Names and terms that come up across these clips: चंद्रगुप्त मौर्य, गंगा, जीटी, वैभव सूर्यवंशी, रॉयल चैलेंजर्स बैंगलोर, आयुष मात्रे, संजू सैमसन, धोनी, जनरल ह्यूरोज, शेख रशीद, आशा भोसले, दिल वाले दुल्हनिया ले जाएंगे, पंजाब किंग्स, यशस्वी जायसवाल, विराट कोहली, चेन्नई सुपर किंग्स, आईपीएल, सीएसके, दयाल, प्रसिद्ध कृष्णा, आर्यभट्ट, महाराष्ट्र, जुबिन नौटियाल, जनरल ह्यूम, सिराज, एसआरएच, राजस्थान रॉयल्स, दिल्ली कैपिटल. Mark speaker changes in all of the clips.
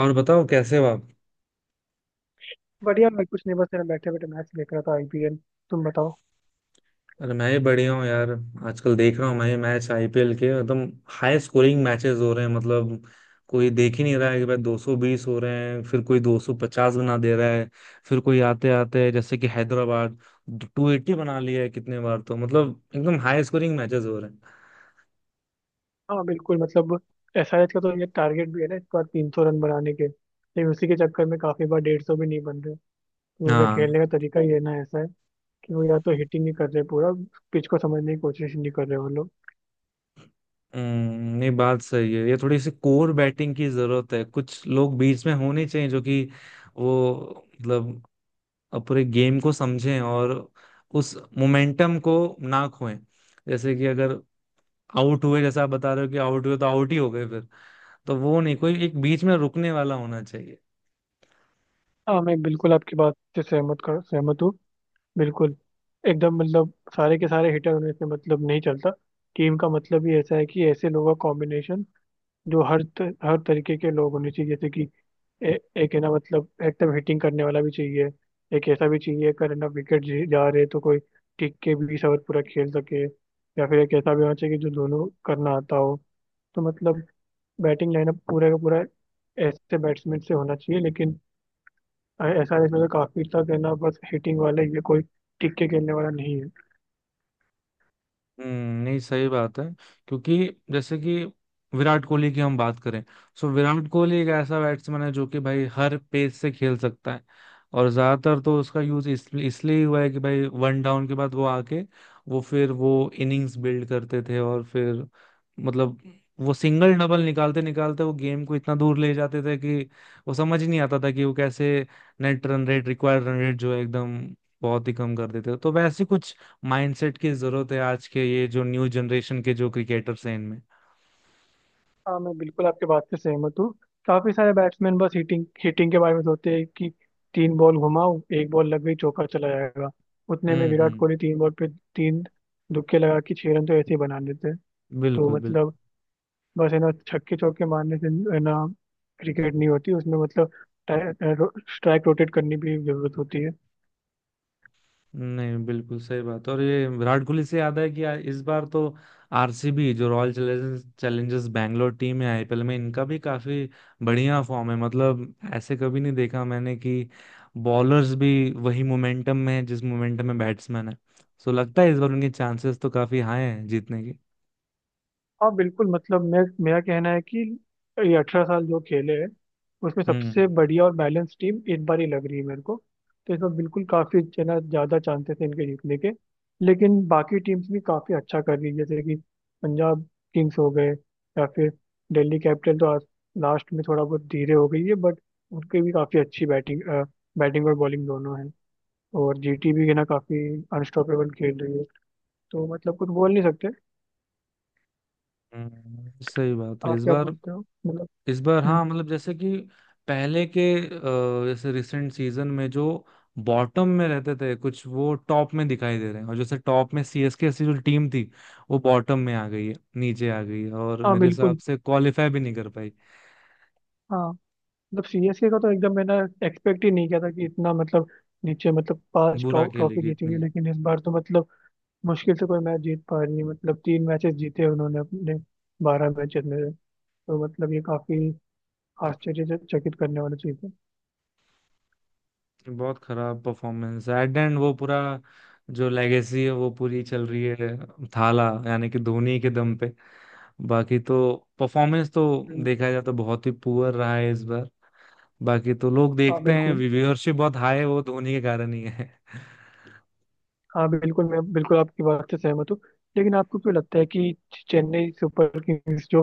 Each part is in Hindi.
Speaker 1: और बताओ कैसे हो आप।
Speaker 2: बढ़िया। मैं कुछ नहीं, बस मैं बैठे बैठे मैच देख रहा था, आईपीएल। तुम बताओ।
Speaker 1: अरे मैं ही बढ़िया हूँ यार। आजकल देख रहा हूँ मैं ये मैच आईपीएल के एकदम हाई स्कोरिंग मैचेस हो रहे हैं मतलब। कोई देख ही नहीं रहा है कि भाई 220 हो रहे हैं, फिर कोई 250 बना दे रहा है। फिर कोई आते आते जैसे कि हैदराबाद 280 बना लिया है कितने बार तो, मतलब एकदम हाई स्कोरिंग मैचेस हो रहे हैं।
Speaker 2: हाँ, बिल्कुल। मतलब एसआरएच का तो ये टारगेट भी है ना इस बार 300 रन बनाने के, लेकिन उसी के चक्कर में काफी बार 150 भी नहीं बन रहे। तो उनका
Speaker 1: हाँ।
Speaker 2: खेलने का तरीका ही है ना ऐसा है कि वो या तो हिटिंग नहीं कर रहे पूरा। पिच को समझने की कोशिश नहीं कर रहे वो लोग।
Speaker 1: नहीं, बात सही है। ये थोड़ी सी कोर बैटिंग की जरूरत है, कुछ लोग बीच में होने चाहिए जो कि वो मतलब और पूरे गेम को समझें और उस मोमेंटम को ना खोएं। जैसे कि अगर आउट हुए, जैसा आप बता रहे हो, कि आउट हुए तो आउट ही हो गए फिर। तो वो नहीं, कोई एक बीच में रुकने वाला होना चाहिए।
Speaker 2: हाँ, मैं बिल्कुल आपकी बात से सहमत हूँ। बिल्कुल। एकदम मतलब सारे के सारे हिटर होने से मतलब नहीं चलता। टीम का मतलब ही ऐसा है कि ऐसे लोगों का कॉम्बिनेशन जो हर हर तरीके के लोग होने चाहिए। जैसे कि एक है ना, मतलब एकदम हिटिंग करने वाला भी चाहिए। एक ऐसा भी चाहिए कर है ना, विकेट जा रहे तो कोई टिक के 20 ओवर पूरा खेल सके। या फिर एक ऐसा भी होना चाहिए कि जो दोनों करना आता हो। तो मतलब बैटिंग लाइनअप पूरा का पूरा ऐसे बैट्समैन से होना चाहिए। लेकिन ऐसा है इसमें तो, काफी तक है ना, बस हिटिंग वाला ही है। कोई टिक के खेलने वाला नहीं है।
Speaker 1: नहीं, सही बात है। क्योंकि जैसे कि विराट कोहली की हम बात करें। सो विराट कोहली एक ऐसा बैट्समैन है जो कि भाई हर पेस से खेल सकता है। और ज्यादातर तो उसका यूज इसलिए इसलिए हुआ है कि भाई वन डाउन के बाद वो आके, वो फिर वो इनिंग्स बिल्ड करते थे और फिर मतलब वो सिंगल डबल निकालते निकालते वो गेम को इतना दूर ले जाते थे कि वो समझ ही नहीं आता था कि वो कैसे net run rate, required run rate जो है एकदम बहुत ही कम कर देते थे। तो वैसे कुछ माइंडसेट की जरूरत है आज के ये जो न्यू जनरेशन के जो क्रिकेटर्स हैं इनमें।
Speaker 2: हाँ, मैं बिल्कुल आपके बात से सहमत हूँ। काफी सारे बैट्समैन बस हिटिंग हिटिंग के बारे में सोचते हैं कि 3 बॉल घुमाओ, एक बॉल लग गई, चौका चला जाएगा। उतने में विराट
Speaker 1: हम्म।
Speaker 2: कोहली 3 बॉल पे तीन दुक्के लगा के 6 रन तो ऐसे ही बना लेते हैं। तो
Speaker 1: बिल्कुल बिल्कुल।
Speaker 2: मतलब बस है ना छक्के चौके मारने से, है ना, क्रिकेट नहीं होती। उसमें मतलब स्ट्राइक रोटेट करने की भी जरूरत होती है।
Speaker 1: नहीं, बिल्कुल सही बात। और ये विराट कोहली से याद है कि इस बार तो आरसीबी जो royal challengers challengers Bangalore team है आईपीएल में, इनका भी काफी बढ़िया फॉर्म है मतलब। ऐसे कभी नहीं देखा मैंने कि बॉलर्स भी वही मोमेंटम में है जिस मोमेंटम में बैट्समैन है। सो लगता है इस बार उनके चांसेस तो काफी हाई हैं जीतने के।
Speaker 2: हाँ, बिल्कुल। मतलब मैं मेरा कहना है कि ये 18 साल जो खेले हैं, उसमें
Speaker 1: हम्म।
Speaker 2: सबसे बढ़िया और बैलेंस टीम इस बार ही लग रही है मेरे को। तो इसमें बिल्कुल काफ़ी जना ज़्यादा चांसेस हैं इनके जीतने के। लेकिन बाकी टीम्स भी काफ़ी अच्छा कर रही है। जैसे कि पंजाब किंग्स हो गए, या फिर दिल्ली कैपिटल तो आज लास्ट में थोड़ा बहुत धीरे हो गई है, बट उनकी भी काफ़ी अच्छी बैटिंग बैटिंग और बॉलिंग दोनों है। और जीटी भी है ना काफ़ी अनस्टॉपेबल खेल रही है। तो मतलब कुछ बोल नहीं सकते।
Speaker 1: सही बात है
Speaker 2: आप
Speaker 1: इस
Speaker 2: क्या
Speaker 1: बार।
Speaker 2: बोलते हो? मतलब।
Speaker 1: इस बार
Speaker 2: हम्म।
Speaker 1: हाँ, मतलब जैसे कि पहले के जैसे रिसेंट सीजन में जो बॉटम में रहते थे कुछ, वो टॉप में दिखाई दे रहे हैं। और जैसे टॉप में सीएसके ऐसी जो टीम थी वो बॉटम में आ गई है, नीचे आ गई है। और
Speaker 2: हाँ,
Speaker 1: मेरे हिसाब
Speaker 2: बिल्कुल।
Speaker 1: से क्वालिफाई भी नहीं कर पाई।
Speaker 2: हाँ, मतलब सीएसके का तो एकदम मैंने एक्सपेक्ट ही नहीं किया था कि इतना मतलब नीचे, मतलब पांच
Speaker 1: बुरा
Speaker 2: टॉप ट्रॉफी
Speaker 1: खेलेगी
Speaker 2: जीतेगी,
Speaker 1: इतनी।
Speaker 2: लेकिन इस बार तो मतलब मुश्किल से कोई मैच जीत पा रही है। मतलब 3 मैचेस जीते हैं उन्होंने अपने 12 मैचेस में। तो मतलब ये काफी आश्चर्यचकित करने वाली चीज है।
Speaker 1: बहुत खराब परफॉर्मेंस है एट एंड, वो पूरा जो लेगेसी है वो पूरी चल रही है, थाला यानी कि धोनी के दम पे। बाकी तो परफॉर्मेंस तो
Speaker 2: हम्म,
Speaker 1: देखा जाए तो बहुत ही पुअर रहा है इस बार। बाकी तो लोग
Speaker 2: हाँ,
Speaker 1: देखते हैं,
Speaker 2: बिल्कुल।
Speaker 1: व्यूअरशिप बहुत हाई है, वो धोनी के कारण ही है।
Speaker 2: हाँ, बिल्कुल, मैं बिल्कुल आपकी बात से सहमत हूँ। लेकिन आपको क्यों लगता है कि चेन्नई सुपर किंग्स जो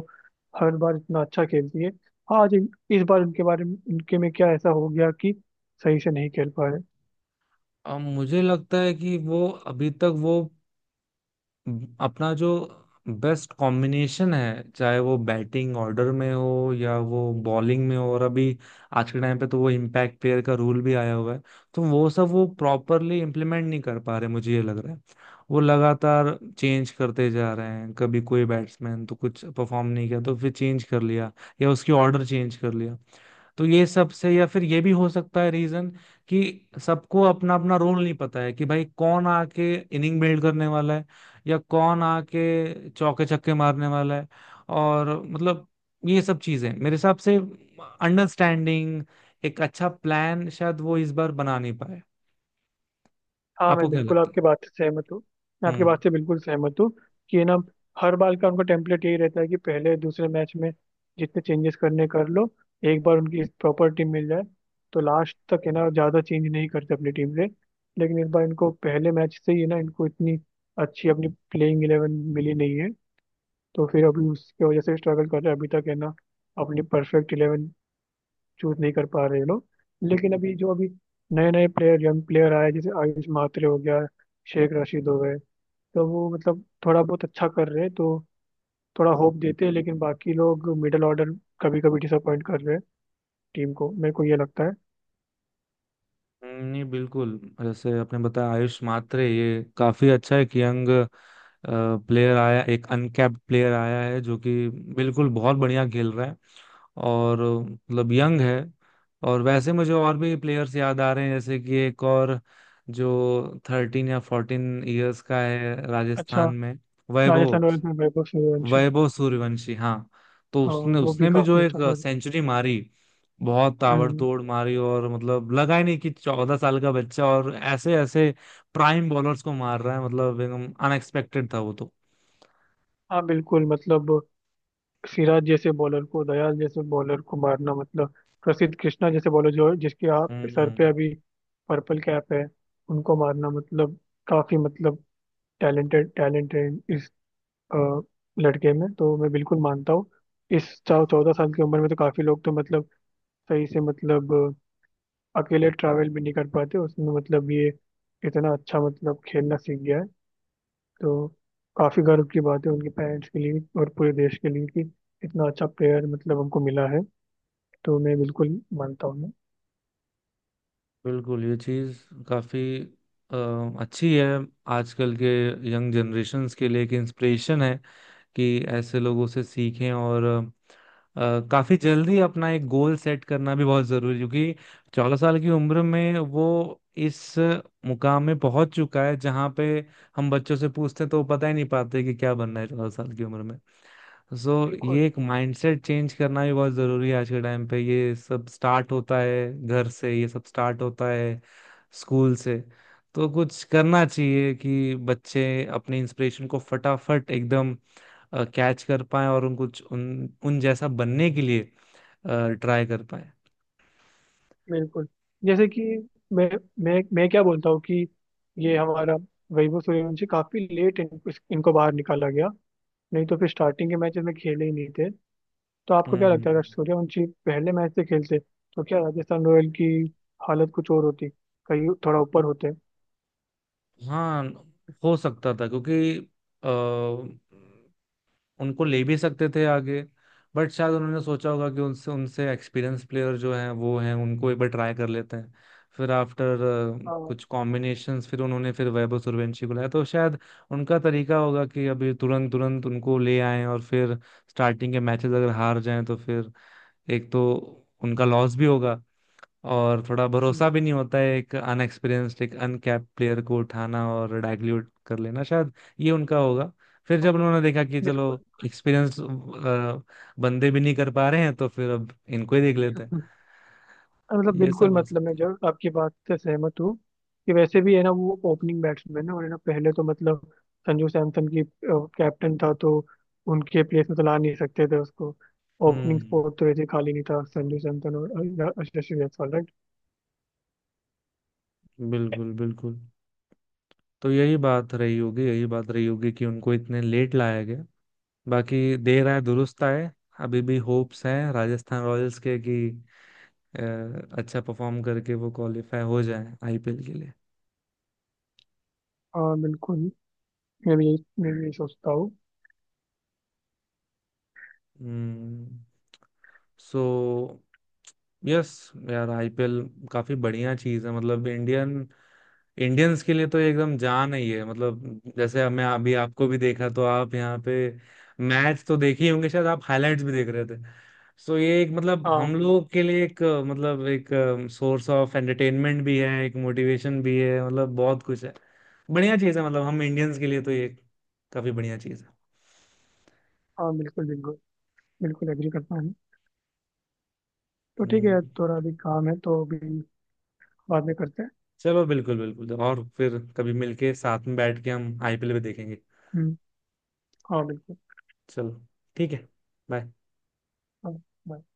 Speaker 2: हर बार इतना अच्छा खेलती है, आज इस बार उनके बारे में, उनके में क्या ऐसा हो गया कि सही से नहीं खेल पा रहे?
Speaker 1: अब मुझे लगता है कि वो अभी तक वो अपना जो बेस्ट कॉम्बिनेशन है, चाहे वो बैटिंग ऑर्डर में हो या वो बॉलिंग में हो। और अभी आज के टाइम पे तो वो इम्पैक्ट प्लेयर का रूल भी आया हुआ है। तो वो सब वो प्रॉपरली इम्प्लीमेंट नहीं कर पा रहे, मुझे ये लग रहा है। वो लगातार चेंज करते जा रहे हैं, कभी कोई बैट्समैन तो कुछ परफॉर्म नहीं किया तो फिर चेंज कर लिया या उसकी ऑर्डर चेंज कर लिया। तो ये सब से, या फिर ये भी हो सकता है रीजन कि सबको अपना अपना रोल नहीं पता है कि भाई कौन आके इनिंग बिल्ड करने वाला है या कौन आके चौके छक्के मारने वाला है। और मतलब ये सब चीजें मेरे हिसाब से अंडरस्टैंडिंग, एक अच्छा प्लान शायद वो इस बार बना नहीं पाए।
Speaker 2: हाँ, मैं
Speaker 1: आपको क्या
Speaker 2: बिल्कुल
Speaker 1: लगता
Speaker 2: आपके
Speaker 1: है?
Speaker 2: बात से सहमत हूँ। मैं आपकी
Speaker 1: हम्म
Speaker 2: बात से बिल्कुल सहमत हूँ कि ना, हर बार का उनका टेम्पलेट यही रहता है कि पहले दूसरे मैच में जितने चेंजेस करने कर लो, एक बार उनकी प्रॉपर टीम मिल जाए तो लास्ट तक है ना ज़्यादा चेंज नहीं करते अपनी टीम से। लेकिन इस बार इनको पहले मैच से ही है ना, इनको इतनी अच्छी अपनी प्लेइंग इलेवन मिली नहीं है। तो फिर अभी उसकी वजह से स्ट्रगल कर रहे हैं अभी तक, है ना। अपनी परफेक्ट इलेवन चूज नहीं कर पा रहे ये लोग। लेकिन अभी जो अभी नए नए प्लेयर, यंग प्लेयर आए, जैसे आयुष मात्रे हो गया, शेख रशीद हो गए, तो वो मतलब थोड़ा बहुत अच्छा कर रहे हैं। तो थोड़ा होप देते हैं, लेकिन बाकी लोग मिडिल ऑर्डर कभी कभी डिसअपॉइंट कर रहे हैं टीम को, मेरे को ये लगता है।
Speaker 1: हम्म। नहीं, बिल्कुल। जैसे आपने बताया, आयुष मात्रे ये काफी अच्छा है कि यंग प्लेयर आया, एक अनकैप्ड प्लेयर आया है जो कि बिल्कुल बहुत बढ़िया खेल रहा है। और मतलब यंग है। और वैसे मुझे और भी प्लेयर्स याद आ रहे हैं, जैसे कि एक और जो 13 या 14 इयर्स का है
Speaker 2: अच्छा।
Speaker 1: राजस्थान में,
Speaker 2: राजस्थान
Speaker 1: वैभव।
Speaker 2: रॉयल्स में वैभव सूर्यवंशी,
Speaker 1: वैभव सूर्यवंशी, हाँ। तो उसने
Speaker 2: वो भी
Speaker 1: उसने भी जो
Speaker 2: काफी
Speaker 1: एक
Speaker 2: अच्छा कर रहे
Speaker 1: सेंचुरी मारी, बहुत
Speaker 2: हैं।
Speaker 1: ताबड़तोड़
Speaker 2: हम्म।
Speaker 1: मारी। और मतलब लगा ही नहीं कि 14 साल का बच्चा, और ऐसे ऐसे प्राइम बॉलर्स को मार रहा है, मतलब एकदम अनएक्सपेक्टेड था वो तो।
Speaker 2: हाँ, बिल्कुल। मतलब सिराज जैसे बॉलर को, दयाल जैसे बॉलर को मारना, मतलब प्रसिद्ध कृष्णा जैसे बॉलर जो जिसके आप सर पे
Speaker 1: हम्म।
Speaker 2: अभी पर्पल कैप है, उनको मारना, मतलब काफी मतलब टैलेंटेड, टैलेंटेड इस अ, लड़के में तो मैं बिल्कुल मानता हूँ। इस चौ 14 साल की उम्र में तो काफी लोग तो मतलब सही से, मतलब अकेले ट्रैवल भी नहीं कर पाते। उसमें मतलब ये इतना अच्छा मतलब खेलना सीख गया है। तो काफी गर्व की बात है उनके पेरेंट्स के लिए और पूरे देश के लिए कि इतना अच्छा प्लेयर मतलब हमको मिला है। तो मैं बिल्कुल मानता हूँ मैं।
Speaker 1: बिल्कुल। ये चीज काफी अ, अच्छी है। आजकल के यंग जनरेशन्स के लिए एक इंस्पिरेशन है कि ऐसे लोगों से सीखें, और अ, काफी जल्दी अपना एक गोल सेट करना भी बहुत जरूरी है, क्योंकि 14 साल की उम्र में वो इस मुकाम में पहुंच चुका है, जहां पे हम बच्चों से पूछते हैं तो वो पता ही नहीं पाते कि क्या बनना है 14 साल की उम्र में। सो ये
Speaker 2: बिल्कुल,
Speaker 1: एक माइंडसेट चेंज करना भी बहुत जरूरी है आज के टाइम पे। ये सब स्टार्ट होता है घर से, ये सब स्टार्ट होता है स्कूल से। तो कुछ करना चाहिए कि बच्चे अपने इंस्पिरेशन को फटाफट एकदम कैच कर पाए और उन कुछ उन उन जैसा बनने के लिए ट्राई कर पाए।
Speaker 2: बिल्कुल। जैसे कि मैं मैं क्या बोलता हूँ कि ये हमारा वैभव सूर्यवंशी काफी लेट इनको बाहर निकाला गया, नहीं तो फिर स्टार्टिंग के मैचेस में खेले ही नहीं थे। तो आपको क्या लगता है,
Speaker 1: हम्म।
Speaker 2: अगर सूर्यवंशी पहले मैच से खेलते तो क्या राजस्थान रॉयल की हालत कुछ और होती? कहीं थोड़ा ऊपर होते?
Speaker 1: हाँ। हो सकता था क्योंकि अ, उनको ले भी सकते थे आगे। बट शायद उन्होंने सोचा होगा कि उनसे उनसे एक्सपीरियंस प्लेयर जो हैं वो हैं, उनको एक बार ट्राई कर लेते हैं फिर आफ्टर
Speaker 2: हाँ।
Speaker 1: कुछ कॉम्बिनेशंस। फिर उन्होंने फिर वैभव सूर्यवंशी को लाया, तो शायद उनका तरीका होगा कि अभी तुरंत तुरंत उनको ले आएं। और फिर स्टार्टिंग के मैचेस अगर हार जाएं, तो फिर एक तो उनका लॉस भी होगा, और थोड़ा भरोसा
Speaker 2: हम्म।
Speaker 1: भी नहीं होता है एक अनएक्सपीरियंस्ड, एक अनकैप्ड प्लेयर को उठाना और डाइल्यूट कर लेना। शायद ये उनका होगा। फिर
Speaker 2: हाँ,
Speaker 1: जब उन्होंने देखा कि चलो
Speaker 2: बिल्कुल।
Speaker 1: एक्सपीरियंस बंदे भी नहीं कर पा रहे हैं, तो फिर अब इनको ही देख लेते हैं।
Speaker 2: हाँ, मतलब
Speaker 1: ये
Speaker 2: बिल्कुल।
Speaker 1: सब हो
Speaker 2: मतलब मैं
Speaker 1: सकता है।
Speaker 2: जब आपकी बात से सहमत हूँ कि वैसे भी है ना वो ओपनिंग बैट्समैन है, और है ना पहले तो मतलब संजू सैमसन की कैप्टन था तो उनके प्लेस में तो ला नहीं सकते थे उसको। Opening
Speaker 1: hmm.
Speaker 2: स्पॉट तो ऐसे खाली नहीं था। संजू सैमसन और यशस्वी जायसवाल, राइट।
Speaker 1: बिल्कुल बिल्कुल। तो यही बात रही होगी, यही बात रही होगी कि उनको इतने लेट लाया गया। बाकी देर आए दुरुस्त आए। अभी भी होप्स हैं राजस्थान रॉयल्स के कि अ, अच्छा परफॉर्म करके वो क्वालिफाई हो जाए आईपीएल के लिए।
Speaker 2: हाँ, बिल्कुल। मैं भी यही सोचता हूँ।
Speaker 1: हम्म। So yes. यार आईपीएल काफी बढ़िया चीज है मतलब। इंडियन इंडियंस के लिए तो ये एकदम जान ही है मतलब। जैसे अब मैं अभी आपको भी देखा तो आप यहाँ पे मैच तो देखे ही होंगे शायद, आप हाइलाइट्स भी देख रहे थे। सो ये एक मतलब
Speaker 2: हाँ।
Speaker 1: हम
Speaker 2: हाँ।
Speaker 1: लोगों के लिए एक मतलब एक सोर्स ऑफ एंटरटेनमेंट भी है, एक मोटिवेशन भी है मतलब। बहुत कुछ है, बढ़िया चीज़ है मतलब। हम इंडियंस के लिए तो ये काफी बढ़िया चीज़ है।
Speaker 2: हाँ, बिल्कुल, बिल्कुल, बिल्कुल एग्री करता हूँ। तो ठीक
Speaker 1: हम्म,
Speaker 2: है, थोड़ा अभी काम है तो अभी बाद में करते हैं।
Speaker 1: चलो बिल्कुल बिल्कुल। और फिर कभी मिलके साथ में बैठ के हम आईपीएल भी देखेंगे।
Speaker 2: हम्म। हाँ, बिल्कुल।
Speaker 1: चलो, ठीक है। बाय।
Speaker 2: हाँ, bye.